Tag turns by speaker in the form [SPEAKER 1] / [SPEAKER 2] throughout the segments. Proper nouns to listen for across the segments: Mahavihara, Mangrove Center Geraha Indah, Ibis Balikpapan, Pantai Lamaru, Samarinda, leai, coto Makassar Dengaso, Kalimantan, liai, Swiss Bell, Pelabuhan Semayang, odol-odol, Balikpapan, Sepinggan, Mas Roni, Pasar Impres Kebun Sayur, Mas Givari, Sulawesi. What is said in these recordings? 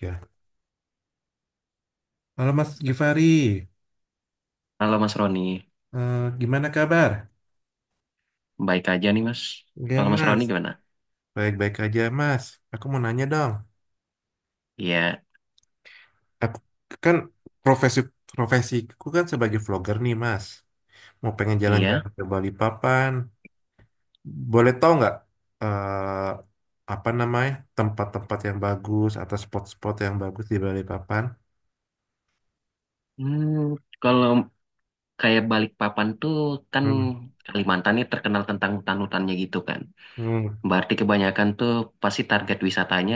[SPEAKER 1] Ya. Halo Mas Givari,
[SPEAKER 2] Halo Mas Roni,
[SPEAKER 1] Gimana kabar?
[SPEAKER 2] baik aja nih Mas.
[SPEAKER 1] Ya
[SPEAKER 2] Kalau Mas
[SPEAKER 1] Mas,
[SPEAKER 2] Roni gimana?
[SPEAKER 1] baik-baik aja Mas. Aku mau nanya dong.
[SPEAKER 2] Iya,
[SPEAKER 1] Aku kan profesi Profesiku kan sebagai vlogger nih Mas. Mau pengen
[SPEAKER 2] iya.
[SPEAKER 1] jalan-jalan ke Bali Papan. Boleh tahu nggak apa namanya tempat-tempat yang bagus atau spot-spot yang bagus di Bali Papan?
[SPEAKER 2] Hmm, kalau kayak Balikpapan tuh kan
[SPEAKER 1] Hmm.
[SPEAKER 2] Kalimantan nih terkenal tentang hutan-hutannya gitu kan.
[SPEAKER 1] Hmm.
[SPEAKER 2] Berarti kebanyakan tuh pasti target wisatanya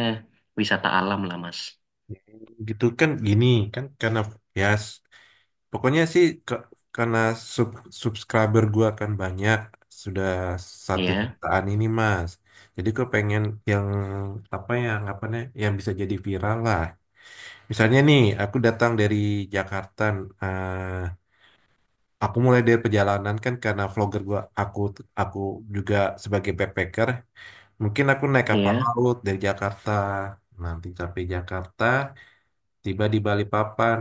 [SPEAKER 2] wisata alam lah Mas.
[SPEAKER 1] Gitu kan gini kan karena ya Pokoknya sih ke- karena sub subscriber gua kan banyak sudah satu
[SPEAKER 2] Iya,
[SPEAKER 1] jutaan ini Mas. Jadi gue pengen yang apa ya anggapannya yang bisa jadi viral lah. Misalnya nih aku datang dari Jakarta, eh, aku mulai dari perjalanan kan karena vlogger gua aku juga sebagai backpacker. Mungkin aku naik kapal
[SPEAKER 2] iya.
[SPEAKER 1] laut dari Jakarta, nanti sampai Jakarta, tiba di Balikpapan.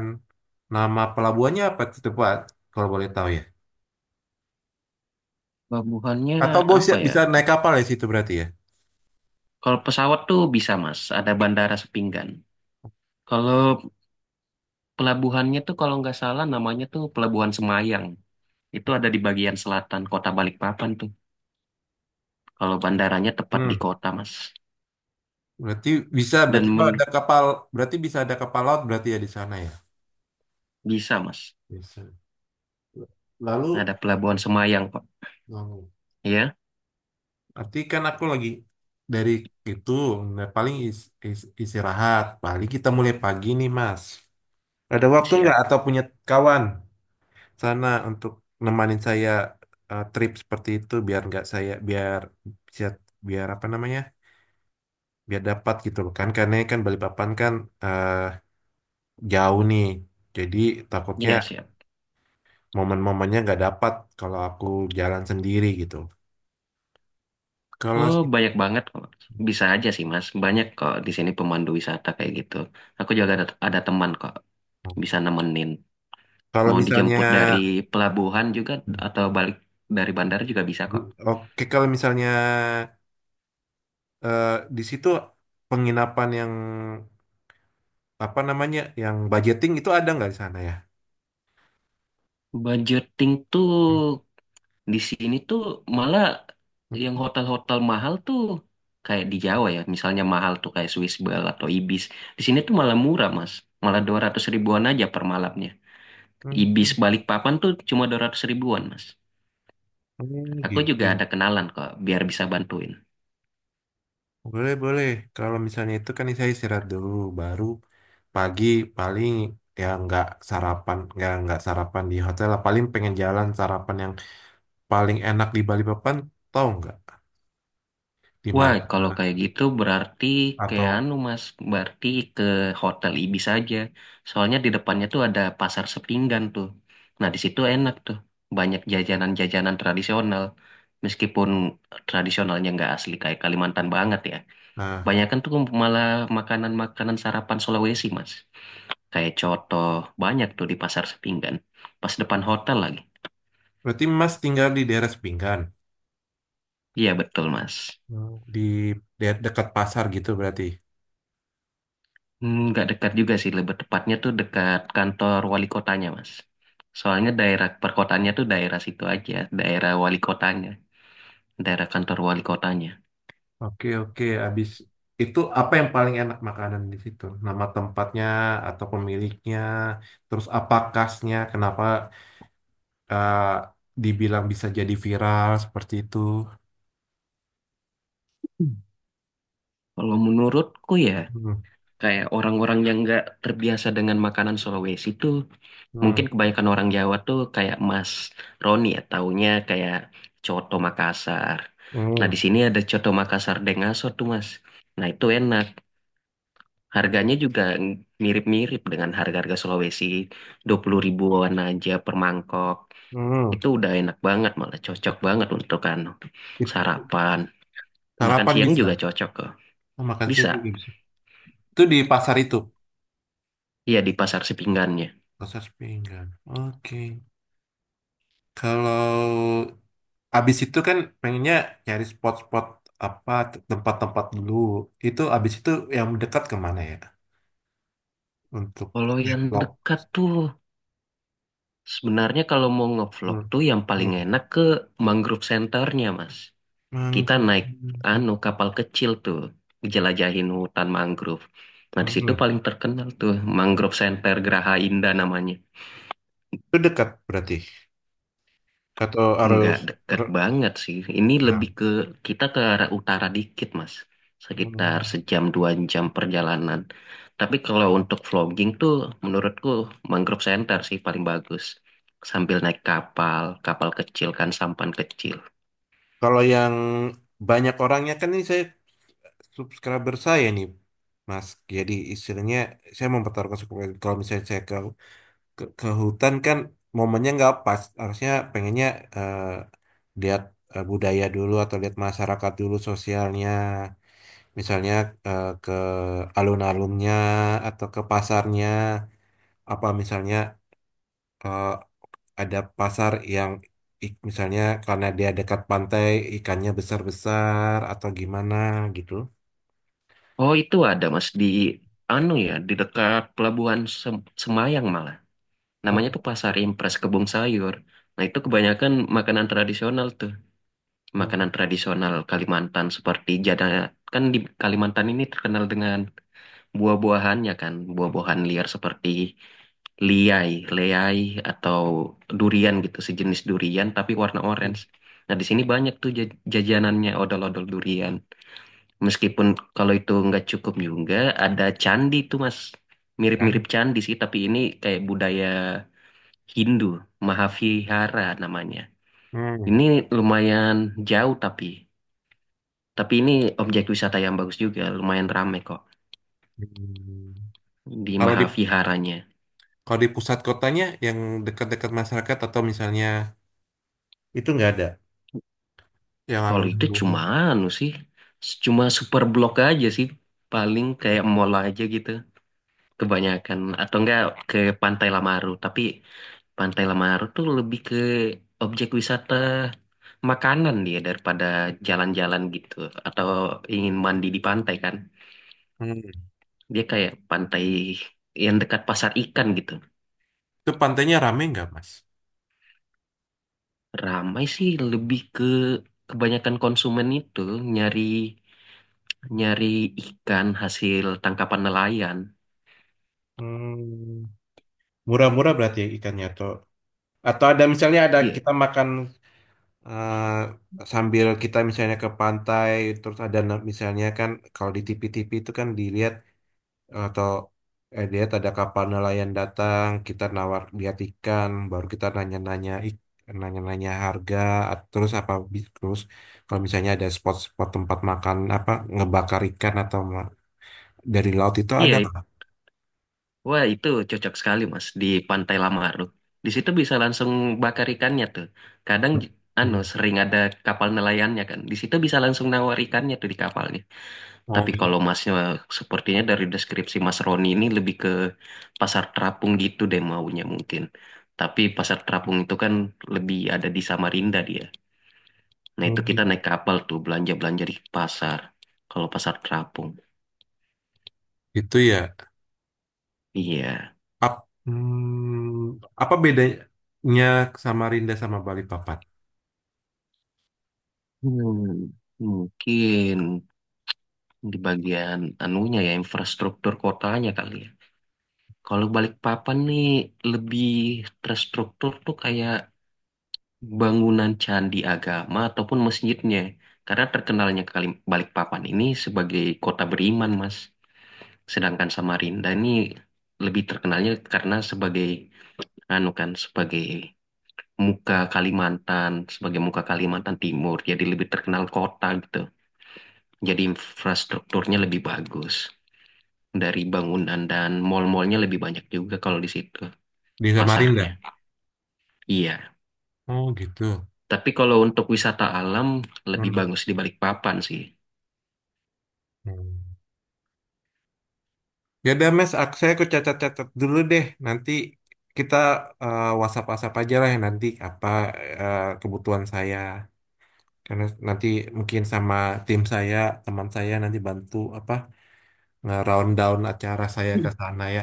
[SPEAKER 1] Nama pelabuhannya apa itu Pak? Kalau boleh tahu ya.
[SPEAKER 2] Pelabuhannya
[SPEAKER 1] Atau bos
[SPEAKER 2] apa
[SPEAKER 1] ya-
[SPEAKER 2] ya?
[SPEAKER 1] bisa naik kapal ya situ berarti ya.
[SPEAKER 2] Kalau pesawat tuh bisa Mas, ada bandara Sepinggan. Kalau pelabuhannya tuh kalau nggak salah namanya tuh Pelabuhan Semayang. Itu ada di bagian selatan kota Balikpapan tuh. Kalau bandaranya tepat di
[SPEAKER 1] Hmm.
[SPEAKER 2] kota, Mas.
[SPEAKER 1] Berarti bisa
[SPEAKER 2] Dan
[SPEAKER 1] berarti oh, ada
[SPEAKER 2] menur-
[SPEAKER 1] kapal berarti bisa ada kapal laut berarti ya di sana ya.
[SPEAKER 2] Bisa, Mas.
[SPEAKER 1] Bisa. Lalu
[SPEAKER 2] Ada pelabuhan Semayang, Pak.
[SPEAKER 1] hmm,
[SPEAKER 2] Ya,
[SPEAKER 1] berarti kan aku lagi dari itu nah, paling istirahat. Paling kita mulai pagi nih Mas. Ada waktu nggak
[SPEAKER 2] siap.
[SPEAKER 1] atau punya kawan sana untuk nemanin saya trip seperti itu biar nggak saya biar biar biar apa namanya biar dapat gitu loh kan karena kan Balikpapan kan eh, jauh nih. Jadi takutnya
[SPEAKER 2] Iya, siap.
[SPEAKER 1] momen-momennya nggak dapat kalau aku jalan sendiri gitu. Kalau
[SPEAKER 2] Oh, banyak banget kok. Bisa aja sih, Mas. Banyak kok di sini pemandu wisata kayak gitu. Aku juga ada teman kok bisa nemenin.
[SPEAKER 1] kalau
[SPEAKER 2] Mau
[SPEAKER 1] misalnya
[SPEAKER 2] dijemput dari pelabuhan juga atau balik dari bandara juga bisa kok.
[SPEAKER 1] oke kalau misalnya eh, di situ penginapan yang apa namanya yang budgeting itu ada nggak di sana ya?
[SPEAKER 2] Budgeting tuh
[SPEAKER 1] Hmm,
[SPEAKER 2] Di sini tuh malah yang hotel-hotel mahal tuh kayak di Jawa ya, misalnya mahal tuh kayak Swiss Bell atau Ibis. Di sini tuh malah murah, Mas. Malah 200 ribuan aja per malamnya. Ibis
[SPEAKER 1] hmm,
[SPEAKER 2] Balikpapan tuh cuma 200 ribuan, Mas.
[SPEAKER 1] hmm,
[SPEAKER 2] Aku
[SPEAKER 1] gitu.
[SPEAKER 2] juga
[SPEAKER 1] Ya.
[SPEAKER 2] ada kenalan kok, biar bisa bantuin.
[SPEAKER 1] Boleh, boleh. Kalau misalnya itu kan saya istirahat dulu, baru pagi paling ya nggak sarapan, nggak sarapan di hotel lah. Paling pengen jalan sarapan yang paling enak di Bali Papan tahu nggak di
[SPEAKER 2] Wah,
[SPEAKER 1] mana
[SPEAKER 2] kalau kayak gitu berarti kayak
[SPEAKER 1] atau
[SPEAKER 2] anu Mas, berarti ke Hotel Ibis aja. Soalnya di depannya tuh ada pasar Sepinggan tuh. Nah, di situ enak tuh. Banyak jajanan-jajanan tradisional. Meskipun tradisionalnya nggak asli kayak Kalimantan banget ya.
[SPEAKER 1] nah
[SPEAKER 2] Banyak kan tuh malah makanan-makanan sarapan Sulawesi, Mas. Kayak coto, banyak tuh di pasar Sepinggan. Pas depan hotel lagi.
[SPEAKER 1] berarti Mas tinggal di daerah Sepinggan.
[SPEAKER 2] Iya, betul, Mas.
[SPEAKER 1] Hmm. Di dekat pasar gitu berarti
[SPEAKER 2] Hmm, nggak dekat juga sih, lebih tepatnya tuh dekat kantor wali kotanya, Mas. Soalnya daerah perkotaannya tuh daerah situ aja, daerah wali kotanya, daerah kantor wali kotanya.
[SPEAKER 1] oke oke. Abis itu apa yang paling enak makanan di situ nama tempatnya atau pemiliknya terus apa khasnya kenapa eh, dibilang bisa jadi viral seperti itu.
[SPEAKER 2] Hmm. Kalau menurutku ya,
[SPEAKER 1] Hmm,
[SPEAKER 2] kayak orang-orang yang nggak terbiasa dengan makanan Sulawesi tuh, mungkin
[SPEAKER 1] hmm,
[SPEAKER 2] kebanyakan orang Jawa tuh kayak Mas Roni ya, taunya kayak coto Makassar. Nah, di
[SPEAKER 1] hmm,
[SPEAKER 2] sini ada coto Makassar Dengaso tuh, Mas. Nah, itu enak. Harganya juga mirip-mirip dengan harga-harga Sulawesi, 20 ribuan aja per mangkok.
[SPEAKER 1] hmm.
[SPEAKER 2] Itu udah enak banget, malah cocok banget untuk anu
[SPEAKER 1] It-
[SPEAKER 2] sarapan. Makan
[SPEAKER 1] Sarapan
[SPEAKER 2] siang juga
[SPEAKER 1] bisa.
[SPEAKER 2] cocok kok.
[SPEAKER 1] Oh, makan
[SPEAKER 2] Bisa,
[SPEAKER 1] siang juga bisa itu di pasar itu.
[SPEAKER 2] iya di pasar sepinggannya.
[SPEAKER 1] Kasar pinggang. Oke. Kalau abis itu kan pengennya nyari spot-spot apa tempat-tempat dulu. Itu abis itu yang dekat kemana ya? Untuk
[SPEAKER 2] Kalau yang
[SPEAKER 1] develop.
[SPEAKER 2] dekat tuh, sebenarnya kalau mau ngevlog
[SPEAKER 1] Hmm.
[SPEAKER 2] tuh yang
[SPEAKER 1] Hmm.
[SPEAKER 2] paling enak ke mangrove centernya, Mas. Kita
[SPEAKER 1] Mangrove.
[SPEAKER 2] naik anu kapal kecil tuh, jelajahin hutan mangrove. Nah, di situ
[SPEAKER 1] Hmm.
[SPEAKER 2] paling terkenal tuh Mangrove Center Geraha Indah namanya.
[SPEAKER 1] Itu dekat berarti. Atau harus
[SPEAKER 2] Nggak dekat
[SPEAKER 1] ber-
[SPEAKER 2] banget sih. Ini
[SPEAKER 1] nah.
[SPEAKER 2] lebih ke kita ke arah utara dikit, Mas. Sekitar
[SPEAKER 1] Hmm.
[SPEAKER 2] sejam dua jam perjalanan. Tapi kalau untuk vlogging tuh menurutku Mangrove Center sih paling bagus. Sambil naik kapal, kapal kecil kan sampan kecil.
[SPEAKER 1] Kalau yang banyak orangnya kan ini saya subscriber saya nih. Mas, jadi istilahnya saya mempertaruhkan subscriber. Kalau misalnya saya ke hutan kan momennya nggak pas harusnya pengennya eh, lihat budaya dulu atau lihat masyarakat dulu sosialnya misalnya ke alun-alunnya atau ke pasarnya apa misalnya eh, ada pasar yang misalnya karena dia dekat pantai ikannya besar-besar atau gimana gitu.
[SPEAKER 2] Oh itu ada Mas di anu ya, di dekat pelabuhan Semayang malah. Namanya tuh Pasar Impres Kebun Sayur. Nah itu kebanyakan makanan tradisional tuh.
[SPEAKER 1] Oh,
[SPEAKER 2] Makanan tradisional Kalimantan seperti jadah kan di Kalimantan ini terkenal dengan buah-buahannya kan buah-buahan liar seperti liai, leai atau durian gitu sejenis durian tapi warna orange. Nah di sini banyak tuh jajanannya odol-odol durian. Meskipun kalau itu nggak cukup juga ada candi tuh mas, mirip-mirip
[SPEAKER 1] kan.
[SPEAKER 2] candi sih tapi ini kayak budaya Hindu Mahavihara namanya.
[SPEAKER 1] Hmm.
[SPEAKER 2] Ini lumayan jauh tapi. Tapi ini objek wisata yang bagus juga, lumayan ramai kok
[SPEAKER 1] Hmm.
[SPEAKER 2] di
[SPEAKER 1] Kalau di
[SPEAKER 2] Mahaviharanya.
[SPEAKER 1] kalau di pusat kotanya yang dekat-dekat masyarakat atau misalnya itu nggak ada. Yang
[SPEAKER 2] Kalau itu cuma
[SPEAKER 1] alun-alun.
[SPEAKER 2] anu sih, cuma super blok aja sih, paling kayak mall aja gitu, kebanyakan atau enggak ke Pantai Lamaru. Tapi Pantai Lamaru tuh lebih ke objek wisata makanan dia daripada jalan-jalan gitu, atau ingin mandi di pantai kan.
[SPEAKER 1] Hmm.
[SPEAKER 2] Dia kayak pantai yang dekat pasar ikan gitu.
[SPEAKER 1] Itu pantainya rame nggak, Mas?
[SPEAKER 2] Ramai sih lebih ke kebanyakan konsumen itu nyari nyari ikan hasil tangkapan nelayan.
[SPEAKER 1] Hmm, murah-murah berarti ya ikannya atau ada misalnya ada
[SPEAKER 2] Iya,
[SPEAKER 1] kita makan sambil kita misalnya ke pantai terus ada misalnya kan kalau di TV-TV itu kan dilihat atau lihat ada kapal nelayan datang kita nawar lihat ikan baru kita nanya-nanya nanya-nanya harga terus apa terus kalau misalnya ada spot-spot tempat makan apa ngebakar ikan atau dari laut itu ada
[SPEAKER 2] iya.
[SPEAKER 1] nggak?
[SPEAKER 2] Wah, itu cocok sekali, Mas, di Pantai Lamaru. Di situ bisa langsung bakar ikannya tuh. Kadang anu
[SPEAKER 1] Hmm.
[SPEAKER 2] sering ada kapal nelayannya kan. Di situ bisa langsung nawar ikannya tuh di kapalnya.
[SPEAKER 1] Oh,
[SPEAKER 2] Tapi kalau masnya sepertinya dari deskripsi Mas Roni ini lebih ke pasar terapung gitu deh maunya mungkin. Tapi pasar terapung itu kan lebih ada di Samarinda dia. Nah itu kita naik kapal tuh belanja-belanja di pasar. Kalau pasar terapung.
[SPEAKER 1] itu ya.
[SPEAKER 2] Iya.
[SPEAKER 1] Hmm, apa bedanya Samarinda sama Balikpapan?
[SPEAKER 2] Hmm, mungkin di bagian anunya ya infrastruktur kotanya kali ya. Kalau Balikpapan nih lebih terstruktur tuh kayak bangunan candi agama ataupun masjidnya. Karena terkenalnya Balikpapan ini sebagai kota beriman, Mas. Sedangkan Samarinda ini lebih terkenalnya karena sebagai anu kan sebagai muka Kalimantan Timur. Jadi lebih terkenal kota gitu. Jadi infrastrukturnya lebih bagus dari bangunan dan mall-mallnya lebih banyak juga kalau di situ
[SPEAKER 1] Di Samarinda.
[SPEAKER 2] pasarnya. Iya.
[SPEAKER 1] Oh, gitu.
[SPEAKER 2] Tapi kalau untuk wisata alam lebih
[SPEAKER 1] Hmm.
[SPEAKER 2] bagus di Balikpapan sih.
[SPEAKER 1] Hmm. Ya udah, Mas, aku catat-catat dulu deh. Nanti kita WhatsApp-WhatsApp aja lah ya nanti apa kebutuhan saya. Karena nanti mungkin sama tim saya, teman saya nanti bantu apa nge-round down acara saya ke sana ya.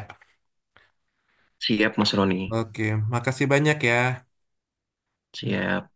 [SPEAKER 2] Siap Mas Roni,
[SPEAKER 1] Oke, makasih banyak ya. Ya,
[SPEAKER 2] siap.